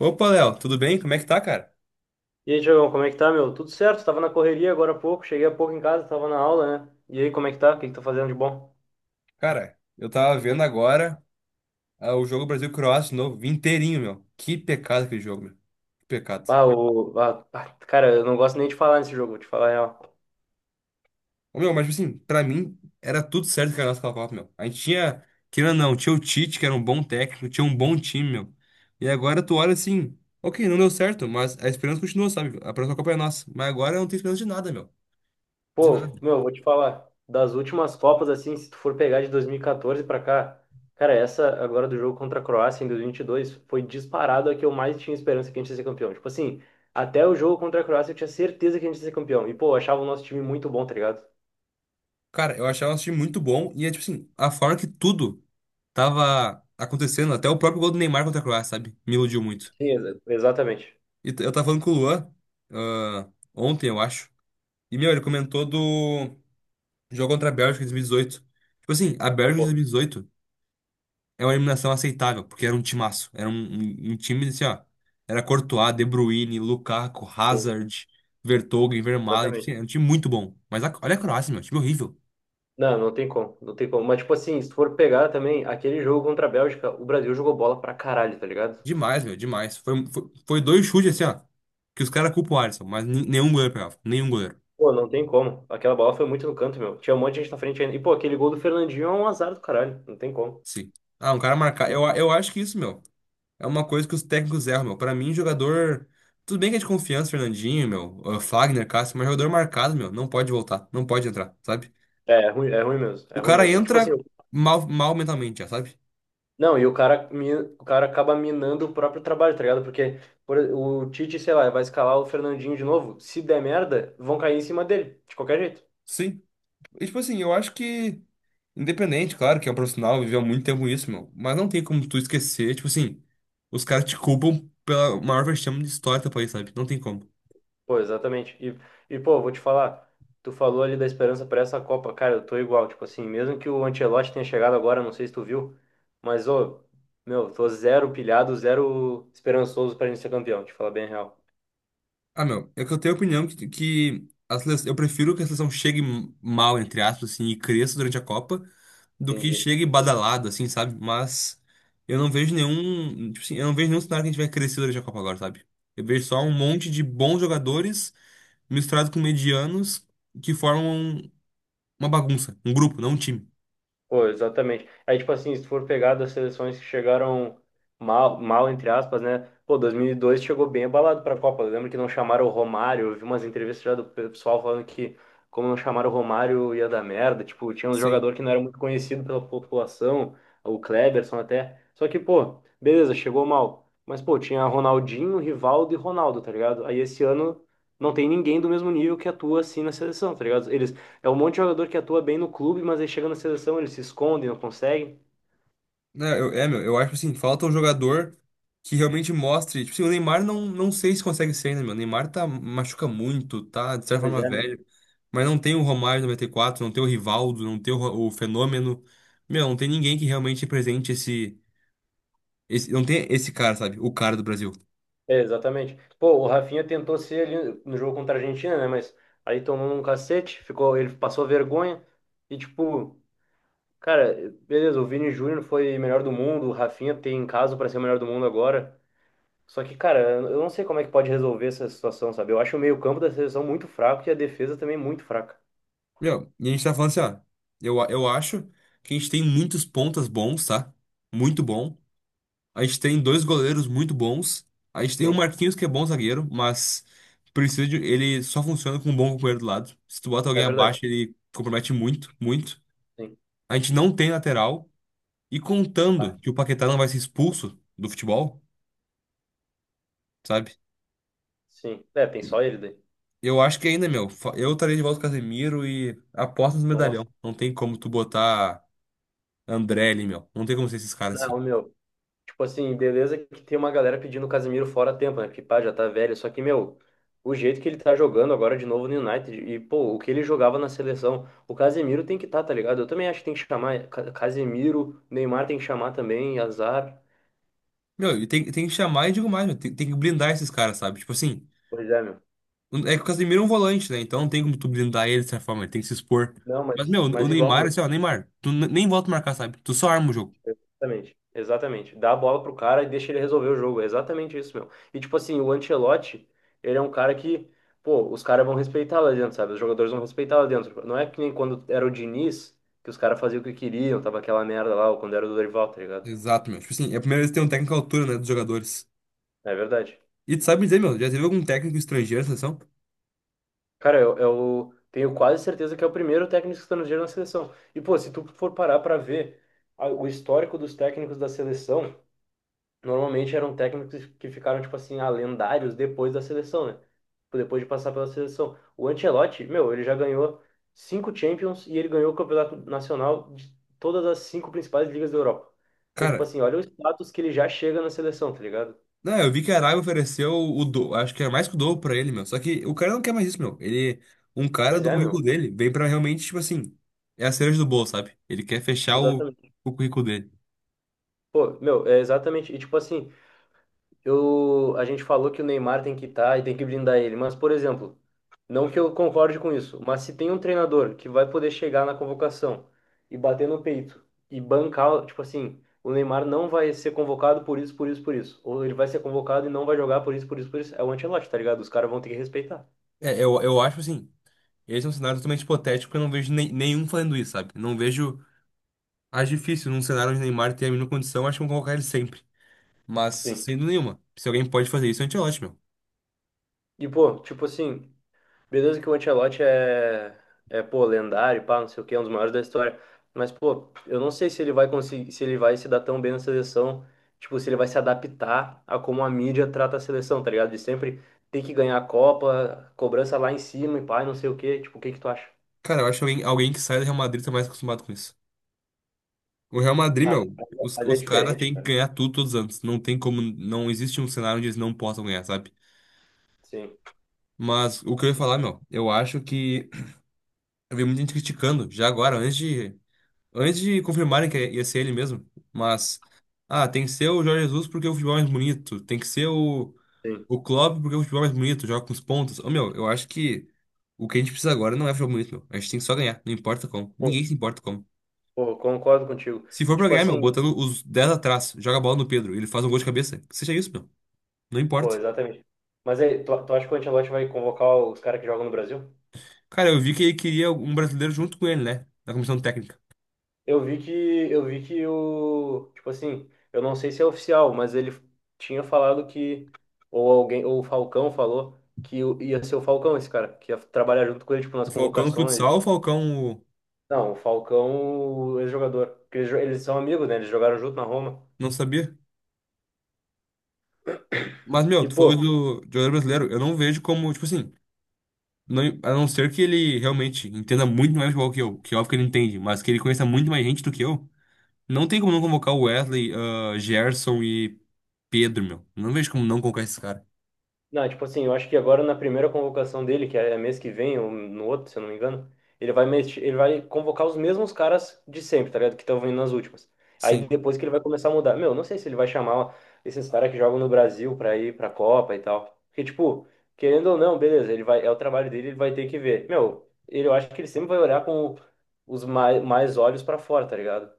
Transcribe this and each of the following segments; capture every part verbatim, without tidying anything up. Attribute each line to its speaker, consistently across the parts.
Speaker 1: Opa, Léo, tudo bem? Como é que tá, cara?
Speaker 2: E aí, Diogão, como é que tá, meu? Tudo certo, tava na correria agora há pouco, cheguei há pouco em casa, tava na aula, né? E aí, como é que tá? O que que tá fazendo de bom?
Speaker 1: Cara, eu tava vendo agora ah, o jogo Brasil-Croácia de novo, vi inteirinho, meu. Que pecado aquele jogo, meu. Que pecado.
Speaker 2: Ah, o... ah, ah, cara, eu não gosto nem de falar nesse jogo, vou te falar a real.
Speaker 1: Ô, meu, mas tipo assim, pra mim era tudo certo que a nossa Copa, meu. A gente tinha, querendo ou não, tinha o Tite, que era um bom técnico, tinha um bom time, meu. E agora tu olha assim, ok, não deu certo, mas a esperança continua, sabe? A próxima Copa é nossa. Mas agora eu não tenho esperança de nada, meu. De
Speaker 2: Pô,
Speaker 1: nada.
Speaker 2: meu, vou te falar, das últimas Copas, assim, se tu for pegar de dois mil e quatorze pra cá, cara, essa agora do jogo contra a Croácia em dois mil e e vinte e dois foi disparado a que eu mais tinha esperança que a gente ia ser campeão. Tipo assim, até o jogo contra a Croácia eu tinha certeza que a gente ia ser campeão. E, pô, eu achava o nosso time muito bom, tá ligado?
Speaker 1: Cara, eu achava um time muito bom e é tipo assim, a forma que tudo tava acontecendo, até o próprio gol do Neymar contra a Croácia, sabe? Me iludiu muito.
Speaker 2: Sim, exa- exatamente.
Speaker 1: E t- eu tava falando com o Luan, ah, ontem, eu acho. E, meu, ele comentou do jogo contra a Bélgica em dois mil e dezoito. Tipo assim, a Bélgica de
Speaker 2: Pô,
Speaker 1: dois mil e dezoito é uma eliminação aceitável, porque era um timaço. Era um, um, um time assim, ó. Era Courtois, De Bruyne, Lukaku,
Speaker 2: sim,
Speaker 1: Hazard, Vertonghen, Vermaelen. Tipo assim,
Speaker 2: exatamente.
Speaker 1: era um time muito bom. Mas a- olha a Croácia, meu, time horrível.
Speaker 2: Não, não tem como, não tem como. Mas, tipo assim, se tu for pegar também aquele jogo contra a Bélgica, o Brasil jogou bola pra caralho, tá ligado?
Speaker 1: Demais, meu, demais. Foi, foi, foi dois chutes assim, ó. Que os caras culpam o Alisson, mas nen- nenhum goleiro pegava. Nenhum goleiro.
Speaker 2: Pô, não tem como. Aquela bola foi muito no canto, meu. Tinha um monte de gente na frente ainda. E, pô, aquele gol do Fernandinho é um azar do caralho. Não tem como.
Speaker 1: Sim. Ah, um cara marcar. Eu, a- eu acho que isso, meu, é uma coisa que os técnicos erram, meu. Pra mim, jogador. Tudo bem que é de confiança, Fernandinho, meu, ah, Fagner, Cássio, mas jogador marcado, meu, não pode voltar, não pode entrar, sabe?
Speaker 2: É, é ruim, é ruim mesmo.
Speaker 1: O
Speaker 2: É ruim
Speaker 1: cara
Speaker 2: mesmo. Tipo assim,
Speaker 1: entra mal, mal mentalmente, já, sabe?
Speaker 2: não, e o cara, mi- o cara acaba minando o próprio trabalho, tá ligado? Porque por- o Tite, sei lá, vai escalar o Fernandinho de novo. Se der merda, vão cair em cima dele, de qualquer jeito.
Speaker 1: Sim. E, tipo assim, eu acho que, independente, claro, que é um profissional, viveu há muito tempo isso, meu. Mas não tem como tu esquecer, tipo assim, os caras te culpam pela maior vexame de história do teu país, sabe? Não tem como.
Speaker 2: Pô, exatamente. E, e, pô, vou te falar, tu falou ali da esperança para essa Copa. Cara, eu tô igual, tipo assim, mesmo que o Ancelotti tenha chegado agora, não sei se tu viu, mas, ô, meu, tô zero pilhado, zero esperançoso pra gente ser campeão, te falar bem a real.
Speaker 1: Ah, meu, é que eu tenho a opinião que, que a seleção, eu prefiro que a seleção chegue mal, entre aspas, assim, e cresça durante a Copa, do que
Speaker 2: Entendi.
Speaker 1: chegue badalado, assim, sabe? Mas eu não vejo nenhum, tipo assim, eu não vejo nenhum cenário que a gente vai crescer durante a Copa agora, sabe? Eu vejo só um monte de bons jogadores misturados com medianos que formam uma bagunça, um grupo, não um time.
Speaker 2: Pô, exatamente. Aí, tipo assim, se tu for pegar das seleções que chegaram mal, mal entre aspas, né? Pô, dois mil e dois chegou bem abalado pra Copa. Eu lembro que não chamaram o Romário. Eu vi umas entrevistas já do pessoal falando que, como não chamaram o Romário, ia dar merda. Tipo, tinha um
Speaker 1: Sim.
Speaker 2: jogador que não era muito conhecido pela população, o Kleberson até. Só que, pô, beleza, chegou mal. Mas, pô, tinha Ronaldinho, Rivaldo e Ronaldo, tá ligado? Aí esse ano não tem ninguém do mesmo nível que atua assim na seleção, tá ligado? Eles é um monte de jogador que atua bem no clube, mas aí chega na seleção, ele se esconde, não consegue.
Speaker 1: Não, eu, é, Meu, eu acho assim, falta um jogador que realmente mostre. Tipo assim, o Neymar não, não sei se consegue ser ainda, meu. O Neymar tá, machuca muito, tá de certa
Speaker 2: Pois
Speaker 1: forma
Speaker 2: é, meu.
Speaker 1: velho. Mas não tem o Romário noventa e quatro, não tem o Rivaldo, não tem o, Ro- o Fenômeno. Meu, não tem ninguém que realmente represente esse, esse. Não tem esse cara, sabe? O cara do Brasil.
Speaker 2: É, exatamente. Pô, o Rafinha tentou ser ali no jogo contra a Argentina, né? Mas aí tomou um cacete, ficou, ele passou vergonha. E tipo, cara, beleza, o Vini Júnior foi melhor do mundo, o Rafinha tem caso pra ser o melhor do mundo agora. Só que, cara, eu não sei como é que pode resolver essa situação, sabe? Eu acho o meio-campo da seleção muito fraco e a defesa também muito fraca.
Speaker 1: Meu, e a gente tá falando assim, ó. Eu, a- eu acho que a gente tem muitos pontas bons, tá? Muito bom. A gente tem dois goleiros muito bons. A gente tem o
Speaker 2: Sim,
Speaker 1: Marquinhos, que é bom zagueiro, mas precisa de, ele só funciona com um bom companheiro do lado. Se tu bota
Speaker 2: é
Speaker 1: alguém abaixo,
Speaker 2: verdade.
Speaker 1: ele compromete muito, muito.
Speaker 2: Sim,
Speaker 1: A gente não tem lateral. E
Speaker 2: tá.
Speaker 1: contando que o Paquetá não vai ser expulso do futebol, sabe?
Speaker 2: Sim. É, tem
Speaker 1: E
Speaker 2: só ele daí.
Speaker 1: Eu acho que ainda, meu, fa- eu estaria de volta com o Casemiro e aposta nos
Speaker 2: Nossa.
Speaker 1: medalhão. Não tem como tu botar André ali, meu. Não tem como ser esses caras assim.
Speaker 2: Não, meu. Tipo assim, beleza que tem uma galera pedindo o Casemiro fora a tempo, né? Porque, pá, já tá velho. Só que, meu, o jeito que ele tá jogando agora de novo no United e, pô, o que ele jogava na seleção, o Casemiro tem que tá, tá ligado? Eu também acho que tem que chamar Ca- Casemiro, Neymar tem que chamar também, azar.
Speaker 1: Meu, e tem, tem que chamar e digo mais, meu. Tem, tem que blindar esses caras, sabe? Tipo assim.
Speaker 2: Pois é, meu.
Speaker 1: É que o Casemiro é um volante, né? Então não tem como tu blindar ele dessa forma, ele tem que se expor.
Speaker 2: Não,
Speaker 1: Mas,
Speaker 2: mas,
Speaker 1: meu, o
Speaker 2: mas igual,
Speaker 1: Neymar, assim,
Speaker 2: meu.
Speaker 1: ó, Neymar, tu n- nem volta a marcar, sabe? Tu só arma o jogo.
Speaker 2: Exatamente, exatamente. Dá a bola pro cara e deixa ele resolver o jogo. É exatamente isso, meu. E tipo assim, o Ancelotti, ele é um cara que, pô, os caras vão respeitar lá dentro, sabe? Os jogadores vão respeitar lá dentro. Não é que nem quando era o Diniz, que os caras faziam o que queriam, tava aquela merda lá, ou quando era o Dorival, tá ligado?
Speaker 1: Exato, meu. Tipo assim, é a primeira vez que tem um técnico à altura, né, dos jogadores.
Speaker 2: É verdade.
Speaker 1: E tu sabe dizer, meu, já teve algum técnico estrangeiro na seleção?
Speaker 2: Cara, eu, eu tenho quase certeza que é o primeiro técnico estrangeiro na seleção. E, pô, se tu for parar pra ver a- o histórico dos técnicos da seleção, normalmente eram técnicos que ficaram, tipo assim, ah, lendários depois da seleção, né? Tipo, depois de passar pela seleção. O Ancelotti, meu, ele já ganhou cinco Champions e ele ganhou o campeonato nacional de todas as cinco principais ligas da Europa. Então, tipo
Speaker 1: Cara,
Speaker 2: assim, olha o status que ele já chega na seleção, tá ligado?
Speaker 1: não, eu vi que a Arábia ofereceu o do, acho que é mais que o dobro pra ele, meu. Só que o cara não quer mais isso, meu. Ele, um cara
Speaker 2: Pois
Speaker 1: do
Speaker 2: é,
Speaker 1: currículo
Speaker 2: meu.
Speaker 1: dele, vem pra realmente, tipo assim, é a cereja do bolo, sabe? Ele quer fechar o,
Speaker 2: Exatamente.
Speaker 1: o currículo dele.
Speaker 2: Pô, meu, é exatamente. E, tipo assim, eu, a gente falou que o Neymar tem que estar e tem que blindar ele, mas, por exemplo, não que eu concorde com isso, mas se tem um treinador que vai poder chegar na convocação e bater no peito e bancar, tipo assim, o Neymar não vai ser convocado por isso, por isso, por isso, ou ele vai ser convocado e não vai jogar por isso, por isso, por isso, é o Ancelotti, tá ligado? Os caras vão ter que respeitar.
Speaker 1: É, eu, eu acho assim. Esse é um cenário totalmente hipotético, porque eu não vejo nem- nenhum fazendo isso, sabe? Não vejo. Acho difícil num cenário onde Neymar tem a mínima condição, acho que vão colocar ele sempre. Mas,
Speaker 2: Sim.
Speaker 1: sem dúvida nenhuma. Se alguém pode fazer isso, Ancelotti, meu.
Speaker 2: E, pô, tipo assim. Beleza que o Ancelotti é, é, pô, lendário, pá, não sei o quê, é um dos maiores da história. Mas, pô, eu não sei se ele vai conseguir, se ele vai se dar tão bem na seleção, tipo, se ele vai se adaptar a como a mídia trata a seleção, tá ligado? De sempre ter que ganhar a Copa, cobrança lá em cima e pá, e não sei o quê. Tipo, o que que tu acha?
Speaker 1: Cara, eu acho que alguém, alguém que sai do Real Madrid tá mais acostumado com isso. O Real Madrid,
Speaker 2: Ah,
Speaker 1: meu, os,
Speaker 2: mas é
Speaker 1: os caras
Speaker 2: diferente,
Speaker 1: têm que
Speaker 2: cara.
Speaker 1: ganhar tudo todos os anos. Não tem como. Não existe um cenário onde eles não possam ganhar, sabe?
Speaker 2: Sim,
Speaker 1: Mas o que eu ia falar, meu, eu acho que. Eu vi muita gente criticando, já agora, antes de antes de confirmarem que ia ser ele mesmo, mas. Ah, tem que ser o Jorge Jesus porque o futebol é mais bonito. Tem que ser o,
Speaker 2: sim.
Speaker 1: o Klopp porque o futebol é mais bonito, joga com os pontos. Ô, meu, eu acho que o que a gente precisa agora não é futebol bonito, meu. A gente tem que só ganhar, não importa como. Ninguém
Speaker 2: Pô,
Speaker 1: se importa como.
Speaker 2: pô, concordo contigo.
Speaker 1: Se for
Speaker 2: E,
Speaker 1: pra
Speaker 2: tipo,
Speaker 1: ganhar, meu,
Speaker 2: assim,
Speaker 1: botando os dez atrás, joga a bola no Pedro, ele faz um gol de cabeça. Que seja isso, meu. Não
Speaker 2: pô,
Speaker 1: importa.
Speaker 2: exatamente. Mas aí, tu, tu acha que o Ancelotti vai convocar os caras que jogam no Brasil?
Speaker 1: Cara, eu vi que ele queria um brasileiro junto com ele, né? Na comissão técnica.
Speaker 2: Eu vi que eu vi que o, tipo assim, eu não sei se é oficial, mas ele tinha falado que ou alguém, ou o Falcão falou que o- ia ser o Falcão esse cara, que ia trabalhar junto com ele tipo
Speaker 1: O
Speaker 2: nas
Speaker 1: Falcão no
Speaker 2: convocações. E
Speaker 1: futsal, o
Speaker 2: tal.
Speaker 1: Falcão. O-
Speaker 2: Não, o Falcão, o ex-jogador, porque eles, jo- eles são amigos, né? Eles jogaram junto na Roma.
Speaker 1: Não sabia. Mas, meu,
Speaker 2: E
Speaker 1: tu
Speaker 2: pô,
Speaker 1: falou do de jogador brasileiro. Eu não vejo como, tipo assim. Não, a não ser que ele realmente entenda muito mais de futebol que eu, que óbvio que ele entende, mas que ele conheça muito mais gente do que eu, não tem como não convocar o Wesley, ah, Gerson e Pedro, meu. Não vejo como não convocar esses caras.
Speaker 2: não, tipo assim, eu acho que agora na primeira convocação dele, que é mês que vem, ou no outro, se eu não me engano, ele vai, mex- ele vai convocar os mesmos caras de sempre, tá ligado? Que estão vindo nas últimas.
Speaker 1: Sim.
Speaker 2: Aí depois que ele vai começar a mudar. Meu, não sei se ele vai chamar esses caras que jogam no Brasil pra ir pra Copa e tal. Porque, tipo, querendo ou não, beleza, ele vai, é o trabalho dele, ele vai ter que ver. Meu, ele, eu acho que ele sempre vai olhar com os mais, mais olhos pra fora, tá ligado?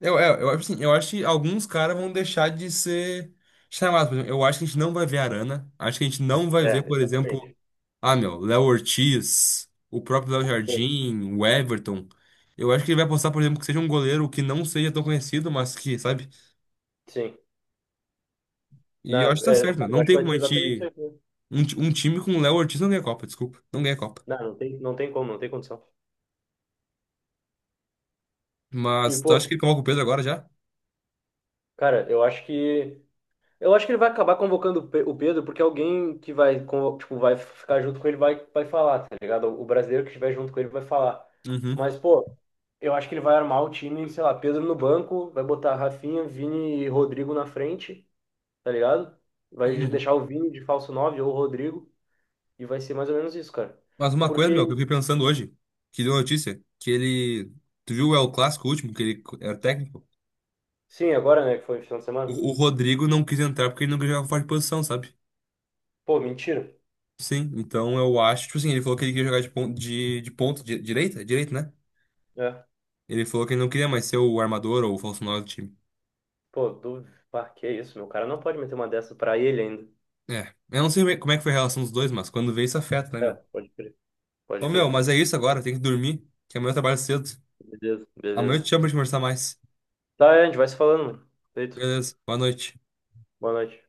Speaker 1: Eu, eu, eu, acho assim, eu acho que alguns caras vão deixar de ser chamados. Por exemplo, eu acho que a gente não vai ver Arana. Acho que a gente não vai ver,
Speaker 2: É,
Speaker 1: por
Speaker 2: exatamente.
Speaker 1: exemplo, ah, meu, Léo Ortiz, o próprio Léo Jardim, o Everton. Eu acho que ele vai apostar, por exemplo, que seja um goleiro que não seja tão conhecido, mas que, sabe?
Speaker 2: Sim. Não,
Speaker 1: E eu acho que tá
Speaker 2: é,
Speaker 1: certo, né?
Speaker 2: cara, eu
Speaker 1: Não
Speaker 2: acho que
Speaker 1: tem
Speaker 2: vai
Speaker 1: como
Speaker 2: ser
Speaker 1: a
Speaker 2: exatamente isso
Speaker 1: gente.
Speaker 2: aí. Né?
Speaker 1: Um, ti- um time com o Léo Ortiz não ganha Copa, desculpa. Não ganha Copa.
Speaker 2: Não, não tem, não tem como, não tem condição. E,
Speaker 1: Mas tu acha
Speaker 2: pô,
Speaker 1: que coloca o Pedro agora já?
Speaker 2: cara, eu acho que eu acho que ele vai acabar convocando o Pe- o Pedro, porque alguém que vai, convo- tipo, vai ficar junto com ele vai, vai falar, tá ligado? O brasileiro que estiver junto com ele vai falar.
Speaker 1: Uhum.
Speaker 2: Mas, pô, eu acho que ele vai armar o time, sei lá, Pedro no banco, vai botar Rafinha, Vini e Rodrigo na frente, tá ligado? Vai
Speaker 1: Uhum.
Speaker 2: deixar o Vini de falso nove ou o Rodrigo, e vai ser mais ou menos isso, cara.
Speaker 1: Mas uma coisa, meu, que
Speaker 2: Porque,
Speaker 1: eu fiquei pensando hoje, que deu notícia, que ele. Tu viu o El Clássico último, que ele era técnico?
Speaker 2: sim, agora, né, que foi final de semana.
Speaker 1: O, o Rodrigo não quis entrar porque ele não queria jogar fora de posição, sabe?
Speaker 2: Pô, mentira.
Speaker 1: Sim, então eu acho, tipo assim, ele falou que ele queria jogar de ponta, de, de ponta, di- direita, direito, né?
Speaker 2: É.
Speaker 1: Ele falou que ele não queria mais ser o armador ou o falso nove do time.
Speaker 2: Pô, duvido. Pá, que isso, meu cara não pode meter uma dessa pra ele ainda.
Speaker 1: É, eu não sei como é como é que foi a relação dos dois, mas quando vê isso afeta, né,
Speaker 2: É,
Speaker 1: meu?
Speaker 2: pode crer.
Speaker 1: Ô
Speaker 2: Pode
Speaker 1: meu,
Speaker 2: crer.
Speaker 1: mas é isso agora, tem que dormir, que amanhã eu trabalho cedo.
Speaker 2: Beleza,
Speaker 1: Amanhã eu
Speaker 2: beleza.
Speaker 1: te chamo pra gente conversar mais.
Speaker 2: Tá, é, a gente vai se falando, mano. Feito.
Speaker 1: Beleza, boa noite.
Speaker 2: Boa noite.